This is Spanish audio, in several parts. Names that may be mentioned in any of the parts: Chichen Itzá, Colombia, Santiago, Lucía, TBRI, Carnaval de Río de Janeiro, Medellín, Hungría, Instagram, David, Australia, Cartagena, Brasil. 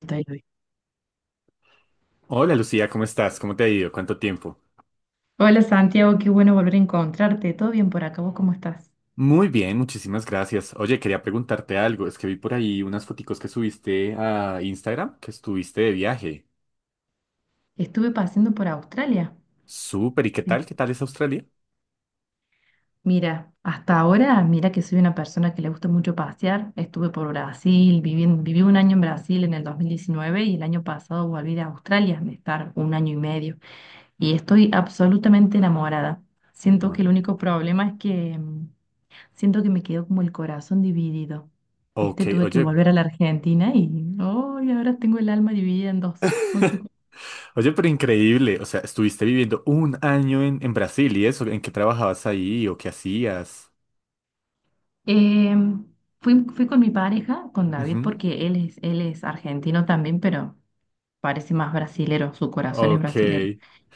Estoy hoy. Hola Lucía, ¿cómo estás? ¿Cómo te ha ido? ¿Cuánto tiempo? Hola Santiago, qué bueno volver a encontrarte. ¿Todo bien por acá? ¿Vos cómo estás? Muy bien, muchísimas gracias. Oye, quería preguntarte algo. Es que vi por ahí unas foticos que subiste a Instagram, que estuviste de viaje. Estuve paseando por Australia. Súper, ¿y qué Sí. tal? ¿Qué tal es Australia? Mira, hasta ahora, mira que soy una persona que le gusta mucho pasear. Estuve por Brasil, viví un año en Brasil en el 2019 y el año pasado volví de Australia, de estar un año y medio. Y estoy absolutamente enamorada. Siento que el Bueno. único problema es que siento que me quedó como el corazón dividido. Viste, Ok, tuve que oye, volver a la Argentina y hoy ahora tengo el alma dividida en dos. No sé. oye, pero increíble. O sea, estuviste viviendo 1 año en Brasil y eso, ¿en qué trabajabas ahí o qué hacías? Em, fui con mi pareja, con David, Ujú. porque él es argentino también, pero parece más brasilero, su corazón es Ok, brasilero.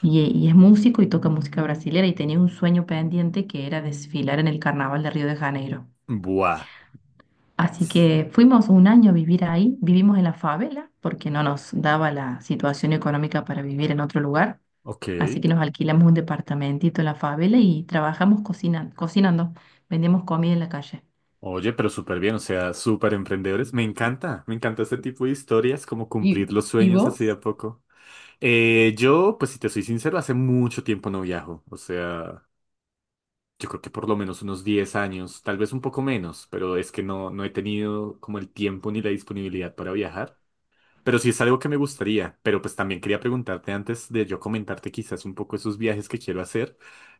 Y es músico y toca música brasilera y tenía un sueño pendiente que era desfilar en el Carnaval de Río de Janeiro. buah. Así que fuimos un año a vivir ahí, vivimos en la favela porque no nos daba la situación económica para vivir en otro lugar. Ok. Así que nos alquilamos un departamentito en la favela y trabajamos cocinando, vendíamos comida en la calle. Oye, pero súper bien, o sea, súper emprendedores. Me encanta este tipo de historias, como cumplir los Y sueños así de vos? a poco. Yo, pues si te soy sincero, hace mucho tiempo no viajo, o sea, yo creo que por lo menos unos 10 años, tal vez un poco menos, pero es que no he tenido como el tiempo ni la disponibilidad para viajar. Pero sí es algo que me gustaría, pero pues también quería preguntarte antes de yo comentarte quizás un poco esos viajes que quiero hacer,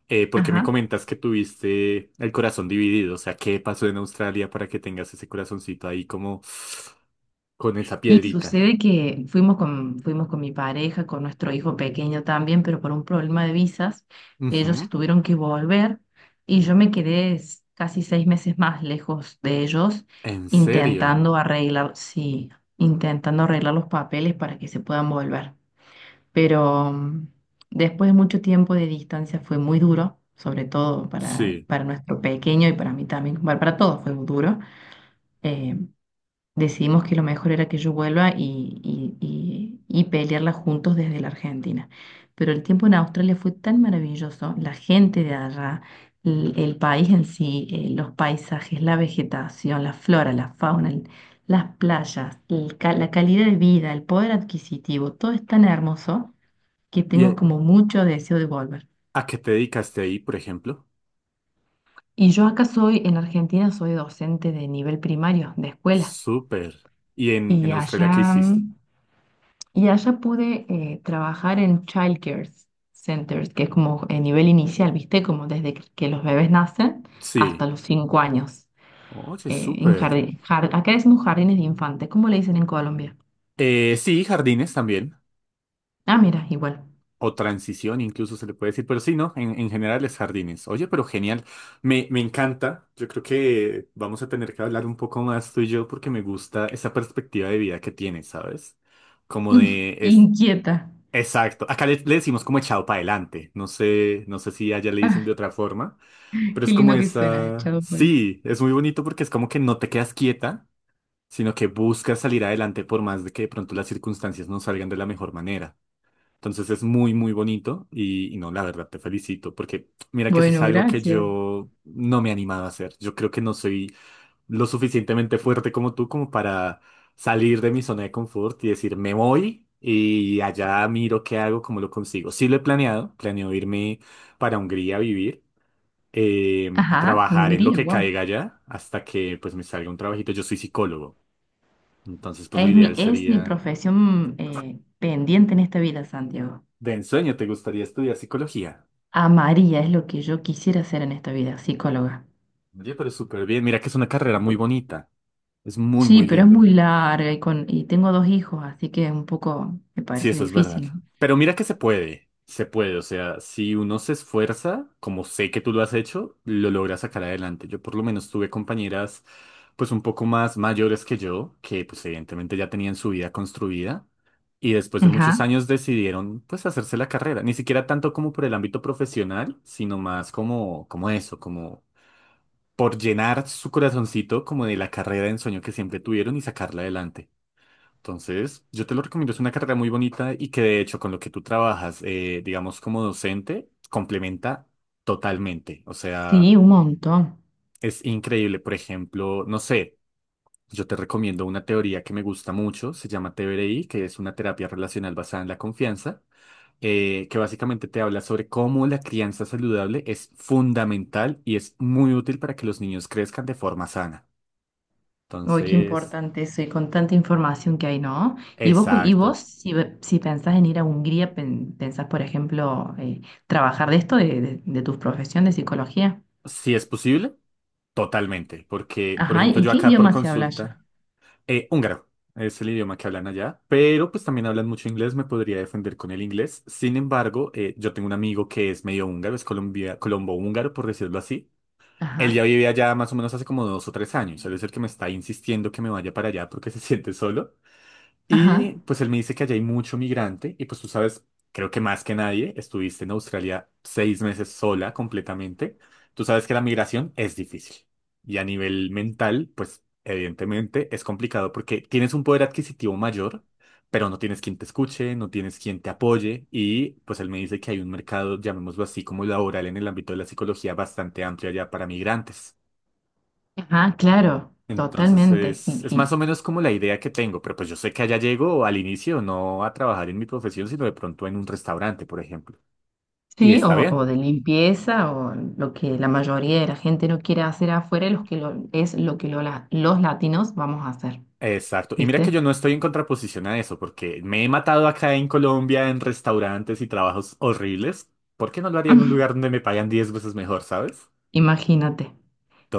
porque Ajá. me comentas que tuviste el corazón dividido, o sea, ¿qué pasó en Australia para que tengas ese corazoncito ahí como con esa Y piedrita? sucede que fuimos con mi pareja, con nuestro hijo pequeño también, pero por un problema de visas, ellos se Ujú. tuvieron que volver y yo me quedé casi 6 meses más lejos de ellos, ¿En serio? Sí, intentando arreglar los papeles para que se puedan volver. Pero después de mucho tiempo de distancia fue muy duro, sobre todo para, Sí. para nuestro pequeño y para mí también, bueno, para todos fue muy duro. eh, Decidimos que lo mejor era que yo vuelva y pelearla juntos desde la Argentina. Pero el tiempo en Australia fue tan maravilloso, la gente de allá, el país en sí, los paisajes, la vegetación, la flora, la fauna, las playas, la calidad de vida, el poder adquisitivo, todo es tan hermoso que ¿Y a tengo como mucho deseo de volver. a qué te dedicaste ahí, por ejemplo? Y yo acá soy, en Argentina, soy docente de nivel primario, de escuela. Súper. ¿Y en Y Australia qué allá hiciste? Y allá pude trabajar en child care centers, que es como el nivel inicial, ¿viste? Como desde que los bebés nacen hasta Sí. los 5 años. Oye, En súper. jardín, acá decimos jardines de infantes, ¿cómo le dicen en Colombia? Sí, jardines también. Ah, mira, igual. O transición, incluso se le puede decir, pero sí, ¿no? En general es jardines. Oye, pero genial. Me encanta. Yo creo que vamos a tener que hablar un poco más tú y yo porque me gusta esa perspectiva de vida que tienes, ¿sabes? Como de es Inquieta. exacto. Acá le decimos como echado para adelante. No sé, no sé si allá le dicen de Ah, otra forma, pero qué es como lindo que suena, el esa. chavo. Bueno, Sí, es muy bonito porque es como que no te quedas quieta, sino que buscas salir adelante por más de que de pronto las circunstancias no salgan de la mejor manera. Entonces es muy, muy bonito y no, la verdad te felicito porque mira que eso es bueno, algo que gracias. yo no me he animado a hacer. Yo creo que no soy lo suficientemente fuerte como tú como para salir de mi zona de confort y decir, me voy y allá miro qué hago, cómo lo consigo. Sí lo he planeado, planeo irme para Hungría a vivir, eh, Ajá, trabajar en lo Hungría, que wow. caiga allá hasta que pues me salga un trabajito. Yo soy psicólogo, entonces pues lo Es mi, ideal es mi sería, profesión pendiente en esta vida, Santiago. de ensueño, ¿te gustaría estudiar psicología? Amaría es lo que yo quisiera hacer en esta vida, psicóloga. Oye, pero súper bien. Mira que es una carrera muy bonita. Es muy, Sí, muy pero es lindo. muy larga y tengo dos hijos, así que un poco me Sí, parece eso es verdad. difícil. Pero mira que se puede. Se puede. O sea, si uno se esfuerza, como sé que tú lo has hecho, lo logra sacar adelante. Yo por lo menos tuve compañeras, pues un poco más mayores que yo, que pues evidentemente ya tenían su vida construida. Y después de Ajá, muchos años decidieron pues hacerse la carrera. Ni siquiera tanto como por el ámbito profesional, sino más como, como eso, como por llenar su corazoncito como de la carrera de ensueño que siempre tuvieron y sacarla adelante. Entonces, yo te lo recomiendo, es una carrera muy bonita y que de hecho con lo que tú trabajas, digamos como docente, complementa totalmente. O sea, sí, un montón. es increíble. Por ejemplo, no sé, yo te recomiendo una teoría que me gusta mucho, se llama TBRI, que es una terapia relacional basada en la confianza, que básicamente te habla sobre cómo la crianza saludable es fundamental y es muy útil para que los niños crezcan de forma sana. Uy, qué Entonces, importante eso y con tanta información que hay, ¿no? Y vos exacto. Si pensás en ir a Hungría, pensás, por ejemplo, trabajar de esto, de tu profesión de psicología. Si es posible, totalmente. Porque, por Ajá, ejemplo, ¿y yo qué acá por idioma se habla allá? consulta, húngaro es el idioma que hablan allá, pero pues también hablan mucho inglés, me podría defender con el inglés. Sin embargo, yo tengo un amigo que es medio húngaro, es colombia, colombo-húngaro, por decirlo así. Él ya Ajá, vive allá más o menos hace como 2 o 3 años. Él es el que me está insistiendo que me vaya para allá porque se siente solo. ajá, Y pues él me dice que allá hay mucho migrante y pues tú sabes, creo que más que nadie, estuviste en Australia 6 meses sola completamente. Tú sabes que la migración es difícil y a nivel mental, pues evidentemente es complicado porque tienes un poder adquisitivo mayor, pero no tienes quien te escuche, no tienes quien te apoye y pues él me dice que hay un mercado, llamémoslo así, como laboral en el ámbito de la psicología bastante amplio allá para migrantes. ajá, claro, Entonces totalmente. Es más o menos como la idea que tengo, pero pues yo sé que allá llego al inicio no a trabajar en mi profesión, sino de pronto en un restaurante, por ejemplo. Y Sí, está o bien. de limpieza, o lo que la mayoría de la gente no quiere hacer afuera, es lo que los latinos vamos a hacer, Exacto. Y mira que ¿viste? yo no estoy en contraposición a eso, porque me he matado acá en Colombia en restaurantes y trabajos horribles. ¿Por qué no lo haría en un lugar donde me pagan 10 veces mejor, sabes? Imagínate.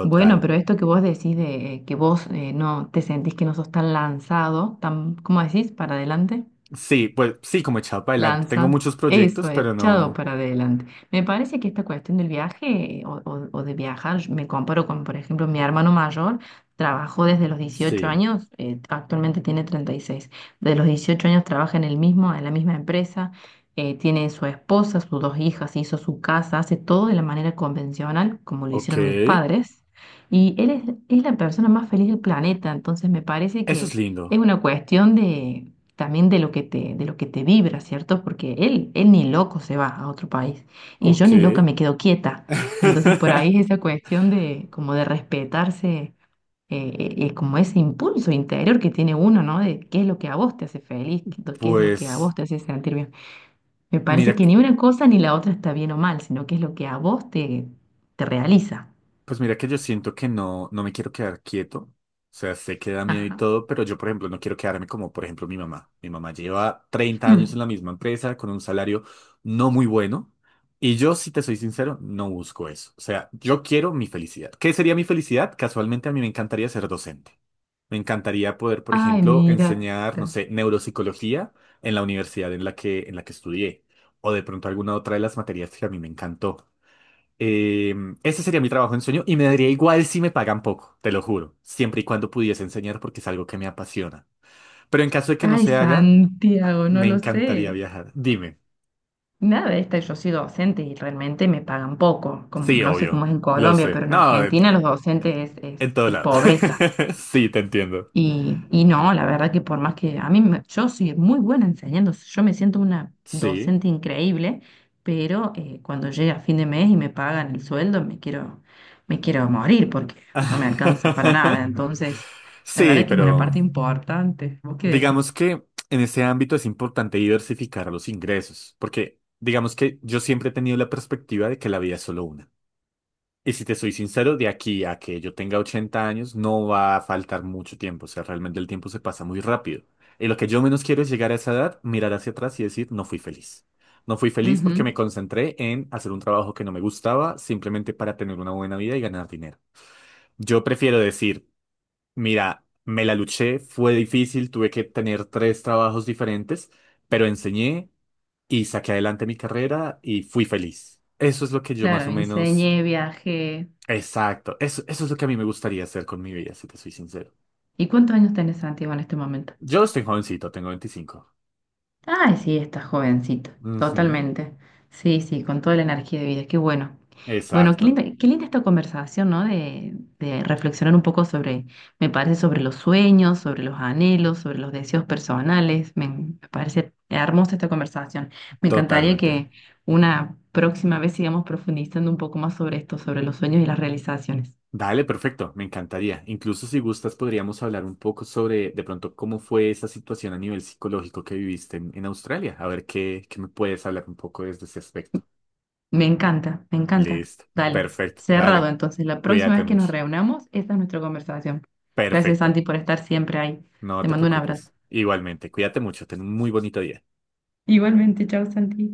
Bueno, pero esto que vos decís de que vos no te sentís que no sos tan lanzado, tan, ¿cómo decís? Para adelante. Sí, pues sí, como echado para adelante. Tengo Lanza, muchos proyectos, Eso, pero echado no. para adelante. Me parece que esta cuestión del viaje o de viajar, yo me comparo con, por ejemplo, mi hermano mayor, trabajó desde los dieciocho Sí. años, actualmente tiene 36, de los 18 años trabaja en el mismo, en la misma empresa, tiene su esposa, sus dos hijas, hizo su casa, hace todo de la manera convencional, como lo Ok. hicieron mis padres, y es la persona más feliz del planeta, entonces me parece Eso es que es lindo. una cuestión de también de de lo que te vibra, ¿cierto? Porque él ni loco se va a otro país y yo Ok. ni loca me quedo quieta. Entonces por ahí es esa cuestión de como de respetarse, como ese impulso interior que tiene uno, ¿no? De qué es lo que a vos te hace feliz, qué es lo que a Pues... vos te hace sentir bien. Me Mira, parece que que- ni una cosa ni la otra está bien o mal, sino que es lo que a vos te realiza. pues mira que yo siento que no me quiero quedar quieto. O sea, sé que da miedo y Ajá. todo, pero yo, por ejemplo, no quiero quedarme como, por ejemplo, mi mamá. Mi mamá lleva 30 años en la misma empresa con un salario no muy bueno. Y yo, si te soy sincero, no busco eso. O sea, yo quiero mi felicidad. ¿Qué sería mi felicidad? Casualmente a mí me encantaría ser docente. Me encantaría poder, por Ay, ejemplo, mira. enseñar, no sé, neuropsicología en la universidad en la que estudié. O de pronto alguna otra de las materias que a mí me encantó. Eh, ese sería mi trabajo en sueño y me daría igual si me pagan poco, te lo juro, siempre y cuando pudiese enseñar porque es algo que me apasiona. Pero en caso de que no Ay, se haga, Santiago, no me lo encantaría sé. viajar. Dime. Nada de esta, yo soy docente y realmente me pagan poco. Como, Sí, no sé obvio, cómo es en lo Colombia, sé. pero en No, Argentina los docentes es, en es, todo es lado. pobreza. Sí, te entiendo. Y no, la verdad que por más que a mí, yo soy muy buena enseñando, yo me siento una Sí. docente increíble, pero cuando llega fin de mes y me pagan el sueldo, me quiero morir porque no me alcanza para nada. Entonces, la Sí, verdad que es una pero parte importante. ¿Vos qué digamos decís? que en ese ámbito es importante diversificar los ingresos, porque digamos que yo siempre he tenido la perspectiva de que la vida es solo una. Y si te soy sincero, de aquí a que yo tenga 80 años no va a faltar mucho tiempo. O sea, realmente el tiempo se pasa muy rápido. Y lo que yo menos quiero es llegar a esa edad, mirar hacia atrás y decir, no fui feliz. No fui feliz porque Ujú. me concentré en hacer un trabajo que no me gustaba simplemente para tener una buena vida y ganar dinero. Yo prefiero decir, mira, me la luché, fue difícil, tuve que tener 3 trabajos diferentes, pero enseñé y saqué adelante mi carrera y fui feliz. Eso es lo que yo más Claro, o menos enseñé, viajé. exacto. Eso es lo que a mí me gustaría hacer con mi vida, si te soy sincero. ¿Y cuántos años tenés, Santiago, en este momento? Yo estoy jovencito, tengo 25. Ay, sí, estás jovencito, Ujú, totalmente. Sí, sí, con toda la energía de vida, qué bueno. Bueno, exacto. Qué linda esta conversación, ¿no? De reflexionar un poco sobre, me parece, sobre los sueños, sobre los anhelos, sobre los deseos personales. Me parece hermosa esta conversación. Me encantaría Totalmente. que una próxima vez sigamos profundizando un poco más sobre esto, sobre los sueños y las realizaciones. Dale, perfecto, me encantaría. Incluso si gustas, podríamos hablar un poco sobre de pronto cómo fue esa situación a nivel psicológico que viviste en Australia. A ver qué me puedes hablar un poco desde ese aspecto. Me encanta, me encanta. Listo. Dale, Perfecto. cerrado. Dale. Entonces, la próxima Cuídate vez que nos mucho. reunamos, esta es nuestra conversación. Gracias, Perfecto. Santi, por estar siempre ahí. No Te te mando un abrazo. preocupes. Igualmente, cuídate mucho. Ten un muy bonito día. Igualmente, chao, Santi.